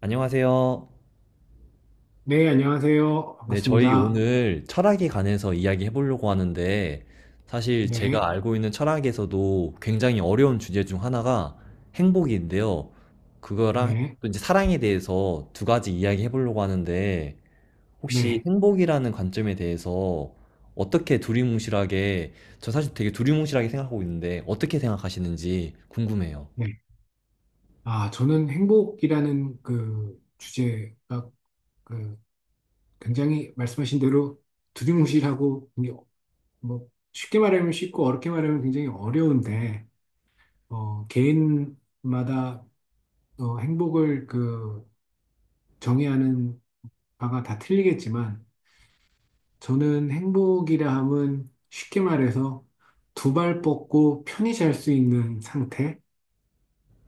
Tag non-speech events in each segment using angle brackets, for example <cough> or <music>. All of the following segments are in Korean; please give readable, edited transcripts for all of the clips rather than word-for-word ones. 안녕하세요. 네, 안녕하세요. 네, 저희 반갑습니다. 오늘 철학에 관해서 이야기해 보려고 하는데, 사실 네. 제가 알고 있는 철학에서도 굉장히 어려운 주제 중 하나가 행복인데요. 그거랑 네. 또 이제 사랑에 대해서 두 가지 이야기해 보려고 하는데, 혹시 네. 행복이라는 관점에 대해서 어떻게 두리뭉실하게, 저 사실 되게 두리뭉실하게 생각하고 있는데, 어떻게 생각하시는지 궁금해요. 네. 아, 저는 행복이라는 그 주제가 그 굉장히 말씀하신 대로 두리뭉실하고 뭐 쉽게 말하면 쉽고 어렵게 말하면 굉장히 어려운데 개인마다 행복을 정의하는 바가 다 틀리겠지만 저는 행복이라 함은 쉽게 말해서 두 발 뻗고 편히 잘 수 있는 상태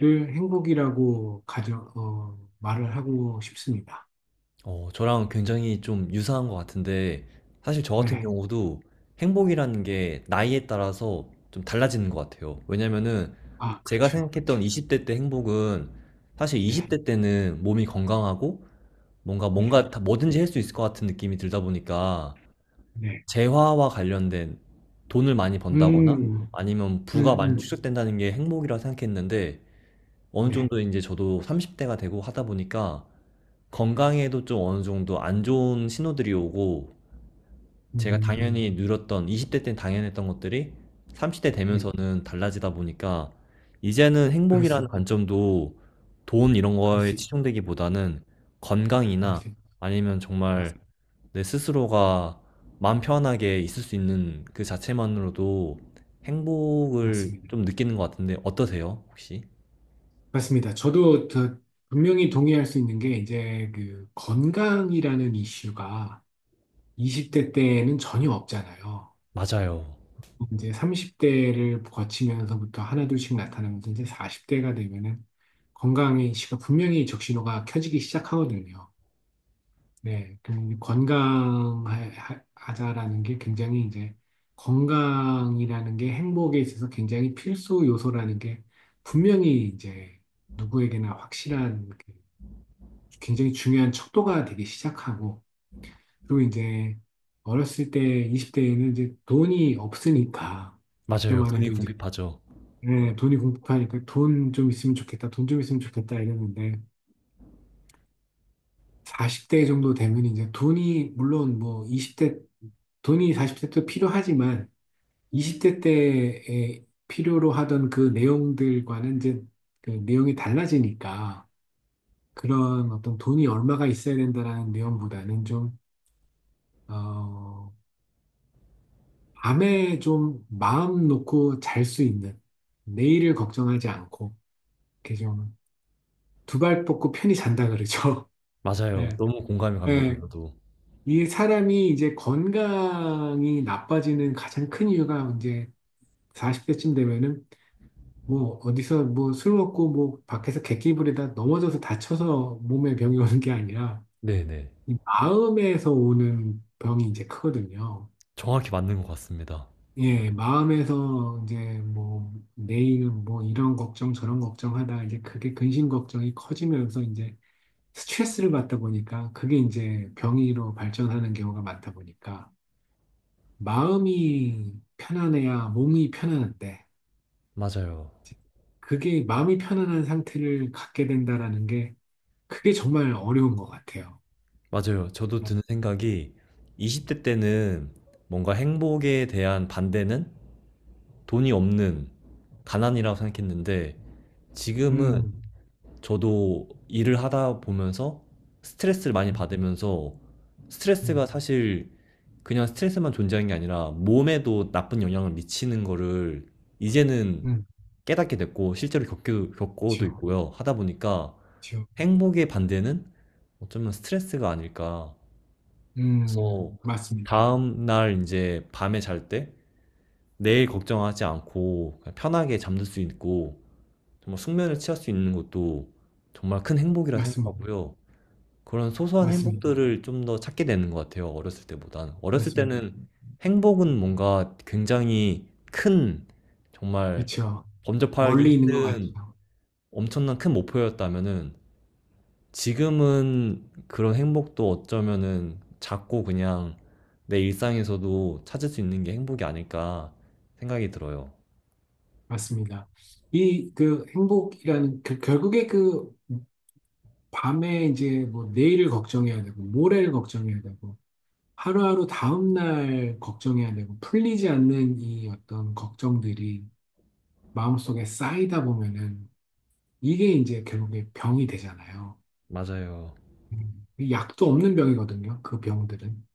를 행복이라고 말을 하고 싶습니다. 어, 저랑 굉장히 좀 유사한 것 같은데, 사실 저 같은 네. 경우도 행복이라는 게 나이에 따라서 좀 달라지는 것 같아요. 왜냐면은 아, 제가 그렇죠. 생각했던 그렇죠. 20대 때 행복은, 사실 네. 20대 때는 몸이 건강하고 뭔가 네. 뭔가 다 뭐든지 할 수 있을 것 같은 느낌이 들다 보니까 네. 재화와 관련된 돈을 많이 번다거나 음, 아니면 음, 부가 많이 음. 축적된다는 게 행복이라 생각했는데, 어느 네. 정도 이제 저도 30대가 되고 하다 보니까 건강에도 좀 어느 정도 안 좋은 신호들이 오고, 제가 음, 당연히 누렸던 20대 때 당연했던 것들이 30대 네. 되면서는 달라지다 보니까 이제는 그럴 수 행복이라는 있, 관점도 돈 이런 그럴 거에 수 있죠. 치중되기보다는 그럴 건강이나, 수 있, 아니면 맞, 정말 내 스스로가 마음 편하게 있을 수 있는 그 자체만으로도 행복을 맞습니다. 좀 느끼는 것 같은데, 어떠세요, 혹시? 맞습니다. 저도 분명히 동의할 수 있는 게 이제 그 건강이라는 이슈가 20대 때는 전혀 없잖아요. 맞아요. 이제 30대를 거치면서부터 하나둘씩 나타나면서 이제 40대가 되면은 건강의 시가 분명히 적신호가 켜지기 시작하거든요. 네, 그럼 건강하자라는 게 굉장히 이제 건강이라는 게 행복에 있어서 굉장히 필수 요소라는 게 분명히 이제 누구에게나 확실한 그 굉장히 중요한 척도가 되기 시작하고, 그리고 이제 어렸을 때 20대에는 이제 돈이 없으니까 맞아요. 그때만 돈이 해도, 궁핍하죠. 네, 돈이 공급하니까 돈 좀 있으면 좋겠다, 돈 좀 있으면 좋겠다 이랬는데, 40대 정도 되면 이제 돈이, 물론 뭐 20대 돈이 40대 때 필요하지만 20대 때에 필요로 하던 그 내용들과는 이제 그 내용이 달라지니까, 그런 어떤 돈이 얼마가 있어야 된다라는 내용보다는 좀, 어, 밤에 좀 마음 놓고 잘 수 있는, 내일을 걱정하지 않고, 이렇게 좀 두 발 뻗고 편히 잔다 그러죠. <laughs> 맞아요. 네. 너무 공감이 갑니다, 네, 저도. 이 사람이 이제 건강이 나빠지는 가장 큰 이유가, 이제 40대쯤 되면은 뭐 어디서 뭐 술 먹고 뭐 밖에서 객기 부리다 넘어져서 다쳐서 몸에 병이 오는 게 아니라 네네. 이 마음에서 오는 병이 이제 크거든요. 정확히 맞는 것 같습니다. 예, 마음에서 이제 뭐 내일은 뭐 이런 걱정 저런 걱정하다 이제 그게 근심 걱정이 커지면서 이제 스트레스를 받다 보니까 그게 이제 병으로 발전하는 경우가 많다 보니까, 마음이 편안해야 몸이 편안한데, 맞아요. 그게 마음이 편안한 상태를 갖게 된다라는 게, 그게 정말 어려운 것 같아요. 맞아요. 저도 네. 드는 생각이, 20대 때는 뭔가 행복에 대한 반대는 돈이 없는 가난이라고 생각했는데, 지금은 음, 저도 일을 하다 보면서 스트레스를 많이 음, 받으면서, 스트레스가 음, 사실 그냥 스트레스만 존재하는 게 아니라 몸에도 나쁜 영향을 미치는 거를 이제는 음, 깨닫게 됐고 실제로 겪기도, 겪고도 그렇죠, 있고요. 하다 보니까 그렇죠. 행복의 반대는 어쩌면 스트레스가 아닐까. 그래서 맞습니다. 다음 날 이제 밤에 잘 때 내일 걱정하지 않고 그냥 편하게 잠들 수 있고 정말 숙면을 취할 수 있는 것도 정말 큰 행복이라 맞습니다. 생각하고요. 그런 소소한 맞습니다. 행복들을 좀 더 찾게 되는 것 같아요, 어렸을 때보단. 어렸을 맞습니다. 때는 행복은 뭔가 굉장히 큰, 정말 그렇죠. 범접하기 멀리 있는 것 힘든, 같죠. 엄청난 큰 목표였다면은, 지금은 그런 행복도 어쩌면은 작고 그냥 내 일상에서도 찾을 수 있는 게 행복이 아닐까 생각이 들어요. 맞습니다. 이 그 행복이라는 그, 결국에 그 밤에 이제 뭐 내일을 걱정해야 되고 모레를 걱정해야 되고 하루하루 다음날 걱정해야 되고, 풀리지 않는 이 어떤 걱정들이 마음속에 쌓이다 보면은 이게 이제 결국에 병이 되잖아요. 맞아요. 약도 없는 병이거든요, 그 병들은.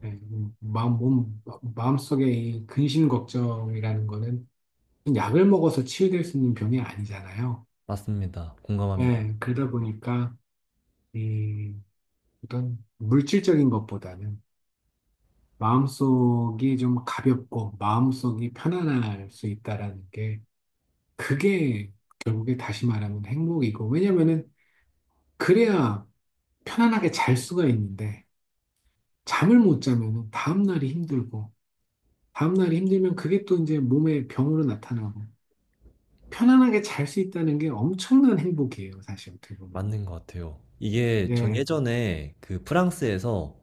네, 마음, 몸, 마음속에 이 근심 걱정이라는 거는 약을 먹어서 치유될 수 있는 병이 아니잖아요. 맞습니다. 공감합니다. 네, 그러다 보니까 이 어떤 물질적인 것보다는 마음속이 좀 가볍고 마음속이 편안할 수 있다라는 게, 그게 결국에 다시 말하면 행복이고, 왜냐면은 그래야 편안하게 잘 수가 있는데, 잠을 못 자면은 다음날이 힘들고, 다음날이 힘들면 그게 또 이제 몸에 병으로 나타나고, 편안하게 잘 수 있다는 게 엄청난 행복이에요, 사실 어떻게 보면. 맞는 것 같아요. 이게 전 예, 예전에 그 프랑스에서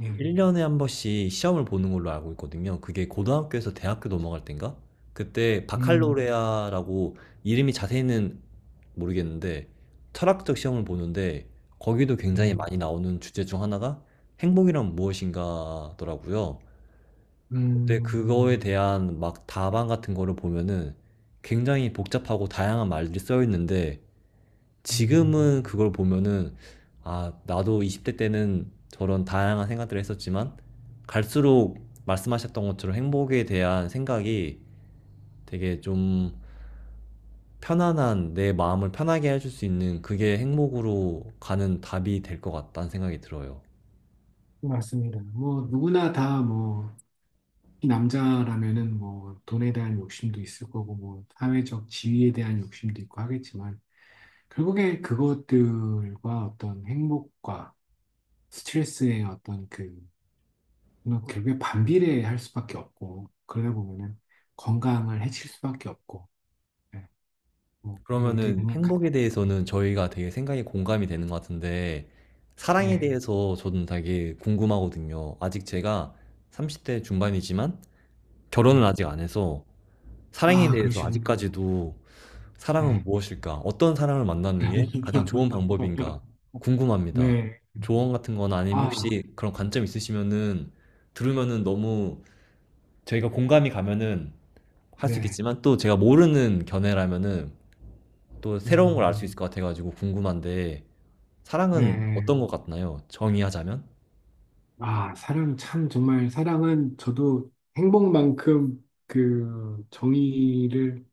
예, 1년에 한 번씩 시험을 보는 걸로 알고 있거든요. 그게 고등학교에서 대학교 넘어갈 땐가? 그때 음, 바칼로레아라고, 이름이 자세히는 모르겠는데, 철학적 시험을 보는데 거기도 굉장히 예, 많이 나오는 주제 중 하나가 행복이란 무엇인가더라고요. 근데 그거에 음, 대한 막 답안 같은 거를 보면은 굉장히 복잡하고 다양한 말들이 쓰여 있는데, 지금은 음, 그걸 보면은 아, 나도 20대 때는 저런 다양한 생각들을 했었지만, 갈수록 말씀하셨던 것처럼 행복에 대한 생각이 되게 좀, 편안한 내 마음을 편하게 해줄 수 있는 그게 행복으로 가는 답이 될 것 같다는 생각이 들어요. 맞습니다. 뭐, 누구나 다 뭐, 특히 남자라면은 뭐, 돈에 대한 욕심도 있을 거고, 뭐, 사회적 지위에 대한 욕심도 있고 하겠지만, 결국에 그것들과 어떤 행복과 스트레스의 어떤 그, 뭐 결국에 반비례할 수밖에 없고, 그러다 보면은 건강을 해칠 수밖에 없고, 네. 뭐, 이게 어떻게 그러면은 보면, 행복에 대해서는 저희가 되게 생각이 공감이 되는 것 같은데, 사랑에 네, 대해서 저는 되게 궁금하거든요. 아직 제가 30대 중반이지만 결혼을 네. 아직 안 해서 사랑에 아, 대해서 그러시군요. 아직까지도 '사랑은 네. 무엇일까? 어떤 사람을 만나는 게 가장 좋은 방법인가?' <laughs> 궁금합니다. 네. 조언 같은 거나 아니면 아, 혹시 그런 관점 있으시면은 들으면은 너무, 저희가 공감이 가면은 할 수 네. 있겠지만, 또 제가 모르는 견해라면은 또 새로운 걸 알 수 음, 있을 것 같아 가지고 궁금한데, 사랑은 네. 어떤 것 같나요, 정의하자면? 아, 사랑 참 정말 사랑은 저도 행복만큼 그 정의를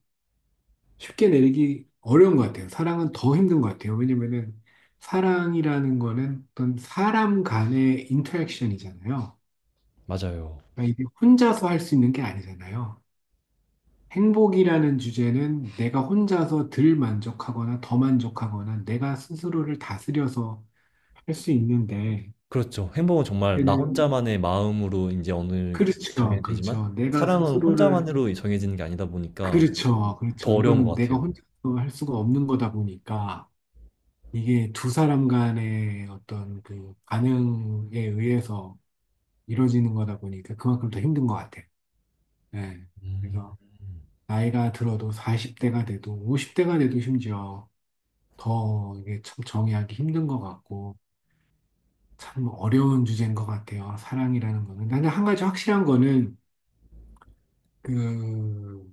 쉽게 내리기 어려운 것 같아요. 사랑은 더 힘든 것 같아요. 왜냐면은 사랑이라는 거는 어떤 사람 간의 인터랙션이잖아요. 맞아요. 그러니까 이게 혼자서 할 수 있는 게 아니잖아요. 행복이라는 주제는 내가 혼자서 덜 만족하거나 더 만족하거나 내가 스스로를 다스려서 할 수 있는데, 그렇죠. 행복은 정말 나 얘는, 혼자만의 마음으로 이제 어느, 정해야 그렇죠, 되지만 그렇죠. 내가 사랑은 스스로를, 혼자만으로 정해지는 게 아니다 보니까 그렇죠, 더 그렇죠. 어려운 이건 것 내가 같아요. 혼자서 할 수가 없는 거다 보니까. 이게 두 사람 간의 어떤 그 반응에 의해서 이루어지는 거다 보니까 그만큼 더 힘든 것 같아요. 예. 음. 그래서 나이가 들어도 40대가 돼도 50대가 돼도 심지어 더 이게 참 정의하기 힘든 것 같고, 참 어려운 주제인 것 같아요, 사랑이라는 거는. 나는 한 가지 확실한 거는 그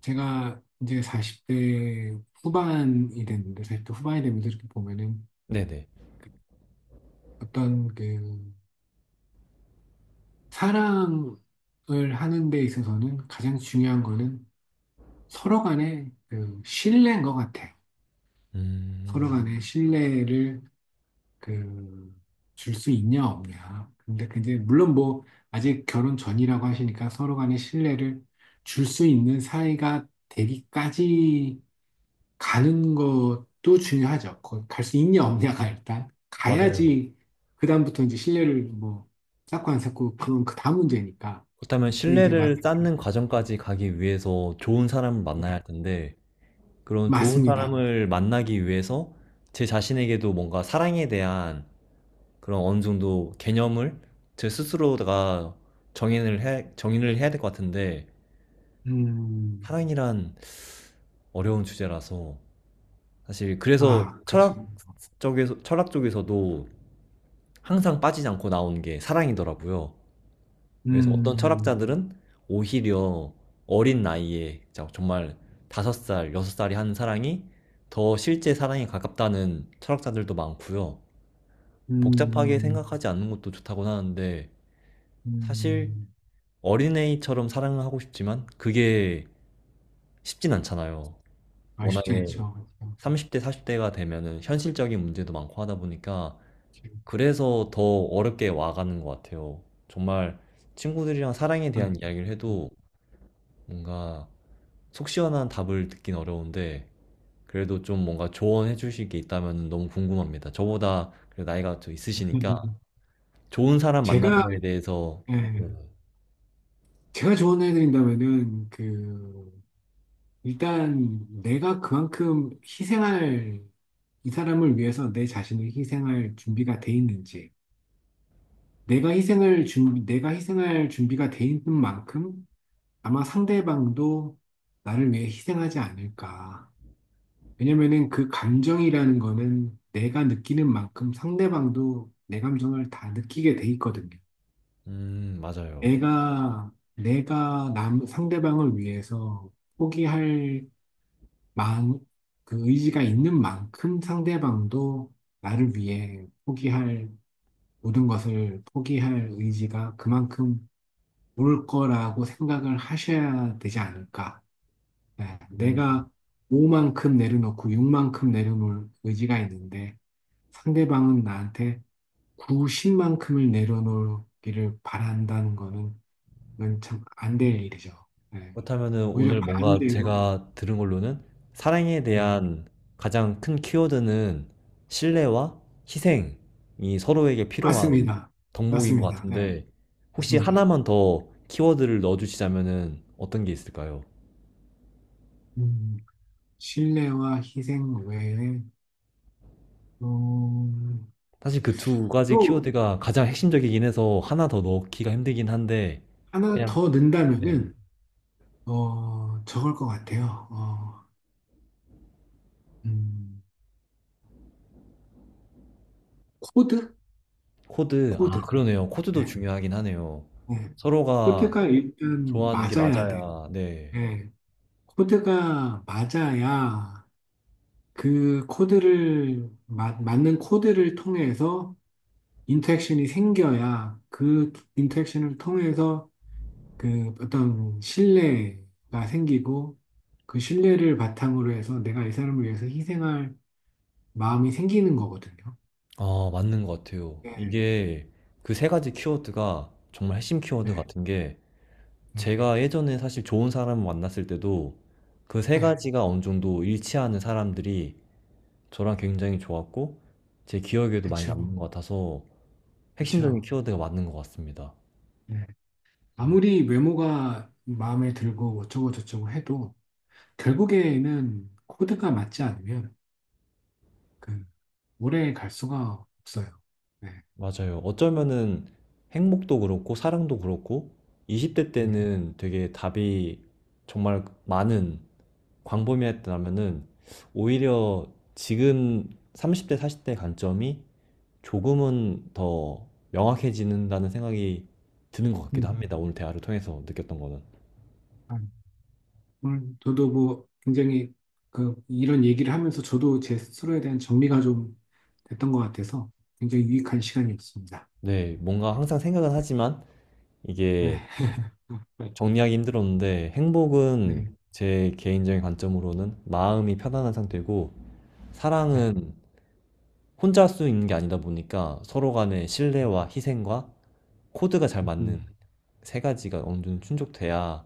제가 이제 40대 후반이 됐는데, 40대 후반이 되면서 이렇게 보면은 네네. 어떤 그 사랑을 하는 데 있어서는 가장 중요한 거는 서로 간의 그 신뢰인 것 같아요. 서로 음. 간의 신뢰를 그 줄 수 있냐 없냐. 근데 물론 뭐 아직 결혼 전이라고 하시니까 서로 간의 신뢰를 줄 수 있는 사이가 되기까지 가는 것도 중요하죠. 갈 수 있냐 없냐가, 일단 맞아요. 가야지 그다음부터 이제 신뢰를 뭐 쌓고 안 쌓고, 그건 그 다음 문제니까. 그렇다면 근데 이제 말, 신뢰를 네, 쌓는 과정까지 가기 위해서 좋은 사람을 만나야 할 텐데, 그런 좋은 맞습니다. 사람을 만나기 위해서 제 자신에게도 뭔가 사랑에 대한 그런 어느 정도 개념을 제 스스로가 정인을 해 정의를 해야 될 것 같은데, 음, 사랑이란 어려운 주제라서, 사실 그래서 아, 그죠. 철학 쪽에서도 항상 빠지지 않고 나오는 게 사랑이더라고요. 그래서 어떤 음, 철학자들은 오히려 어린 나이에 정말 5살, 여섯 살이 하는 사랑이 더 실제 사랑에 가깝다는 철학자들도 많고요. 복잡하게 음, 생각하지 않는 것도 좋다고 하는데, 사실 음, 어린애처럼 사랑을 하고 싶지만 그게 쉽진 않잖아요. 말 쉽지 워낙에 않죠. <laughs> 그죠. 30대, 40대가 되면은 현실적인 문제도 많고 하다 보니까. 지금. 그래서 더 어렵게 와가는 것 같아요. 정말 친구들이랑 사랑에 아, 대한 음. 이야기를 해도 뭔가 속 시원한 답을 듣긴 어려운데, 그래도 좀 뭔가 조언해 주실 게 있다면 너무 궁금합니다. 저보다 그래도 나이가 좀 있으시니까, 좋은 사람 만나는 제가, 거에 대해서. 네. 예, 제가 조언을 해드린다면은, 일단 내가 이 사람을 위해서 내 자신을 희생할 준비가 돼 있는지, 내가 희생을 준 내가 희생할 준비가 돼 있는 만큼 아마 상대방도 나를 위해 희생하지 않을까. 왜냐면은 그 감정이라는 거는 내가 느끼는 만큼 상대방도 내 감정을 다 느끼게 돼 있거든요. 맞아요. 내가 상대방을 위해서 포기할 마음, 그 의지가 있는 만큼 상대방도 나를 위해 포기할 모든 것을 포기할 의지가 그만큼 올 거라고 생각을 하셔야 되지 않을까. 네, 음. 내가 5만큼 내려놓고 6만큼 내려놓을 의지가 있는데 상대방은 나한테 9, 10만큼을 내려놓기를 바란다는 거는, 그건 참 안될 일이죠. 네. 그렇다면은 오히려 오늘 뭔가 반대로, 제가 들은 걸로는, 사랑에 네, 대한 가장 큰 키워드는 신뢰와 희생이 서로에게 필요한 맞습니다. 덕목인 것 맞습니다. 네, 같은데, 혹시 맞습니다. 하나만 더 키워드를 넣어주시자면은 어떤 게 있을까요? 음, 신뢰와 희생 외에, 어, 사실 그 두 가지 또 키워드가 가장 핵심적이긴 해서 하나 더 넣기가 힘들긴 한데, 하나 그냥. 더 네. 넣는다면은, 저걸 것 같아요. 음, 코드? 코드? 아, 코드. 그러네요. 코드도 네, 중요하긴 하네요. 네. 서로가 코드가 일단 좋아하는 게 맞아야 돼요. 맞아야. 네. 네. 코드가 맞아야, 그 코드를, 맞는 코드를 통해서 인터랙션이 생겨야, 그 인터랙션을 통해서 그 어떤 신뢰가 생기고, 그 신뢰를 바탕으로 해서 내가 이 사람을 위해서 희생할 마음이 생기는 거거든요. 아, 맞는 것 같아요. 네, 이게 그 세 가지 키워드가 정말 핵심 키워드 네, 같은 게, 네, 제가 예전에 사실 좋은 사람을 만났을 때도 그 세 네, 가지가 어느 정도 일치하는 사람들이 저랑 굉장히 좋았고 제 기억에도 많이 그쵸, 남는 것 같아서 핵심적인 그쵸. 키워드가 맞는 것 같습니다. 네. 아무리 외모가 마음에 들고 어쩌고 저쩌고 해도 결국에는 코드가 맞지 않으면 그 오래 갈 수가 없어요. 네, 맞아요. 어쩌면은 행복도 그렇고 사랑도 그렇고 20대 네. 때는 되게 답이 정말 많은, 광범위했다면은, 오히려 지금 30대, 40대 관점이 조금은 더 명확해지는다는 생각이 드는 것 같기도 음. 합니다, 오늘 대화를 통해서 느꼈던 거는. 아, 오늘 저도 뭐 굉장히 그 이런 얘기를 하면서 저도 제 스스로에 대한 정리가 좀 됐던 것 같아서 굉장히 유익한 시간이었습니다. 네, 뭔가 항상 생각은 하지만 네, 이게 <laughs> 네, 정리하기 힘들었는데, 행복은 네, 제 개인적인 관점으로는 마음이 편안한 상태고, 네, 사랑은 혼자 할 수 있는 게 아니다 보니까 서로 간의 신뢰와 희생과 코드가 잘 맞는 세 가지가 어느 정도 충족돼야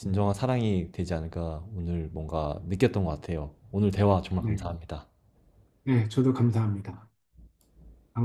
네, 사랑이 되지 않을까 오늘 뭔가 느꼈던 것 같아요. 오늘 대화 정말 네, 감사합니다. 네. 저도 감사합니다.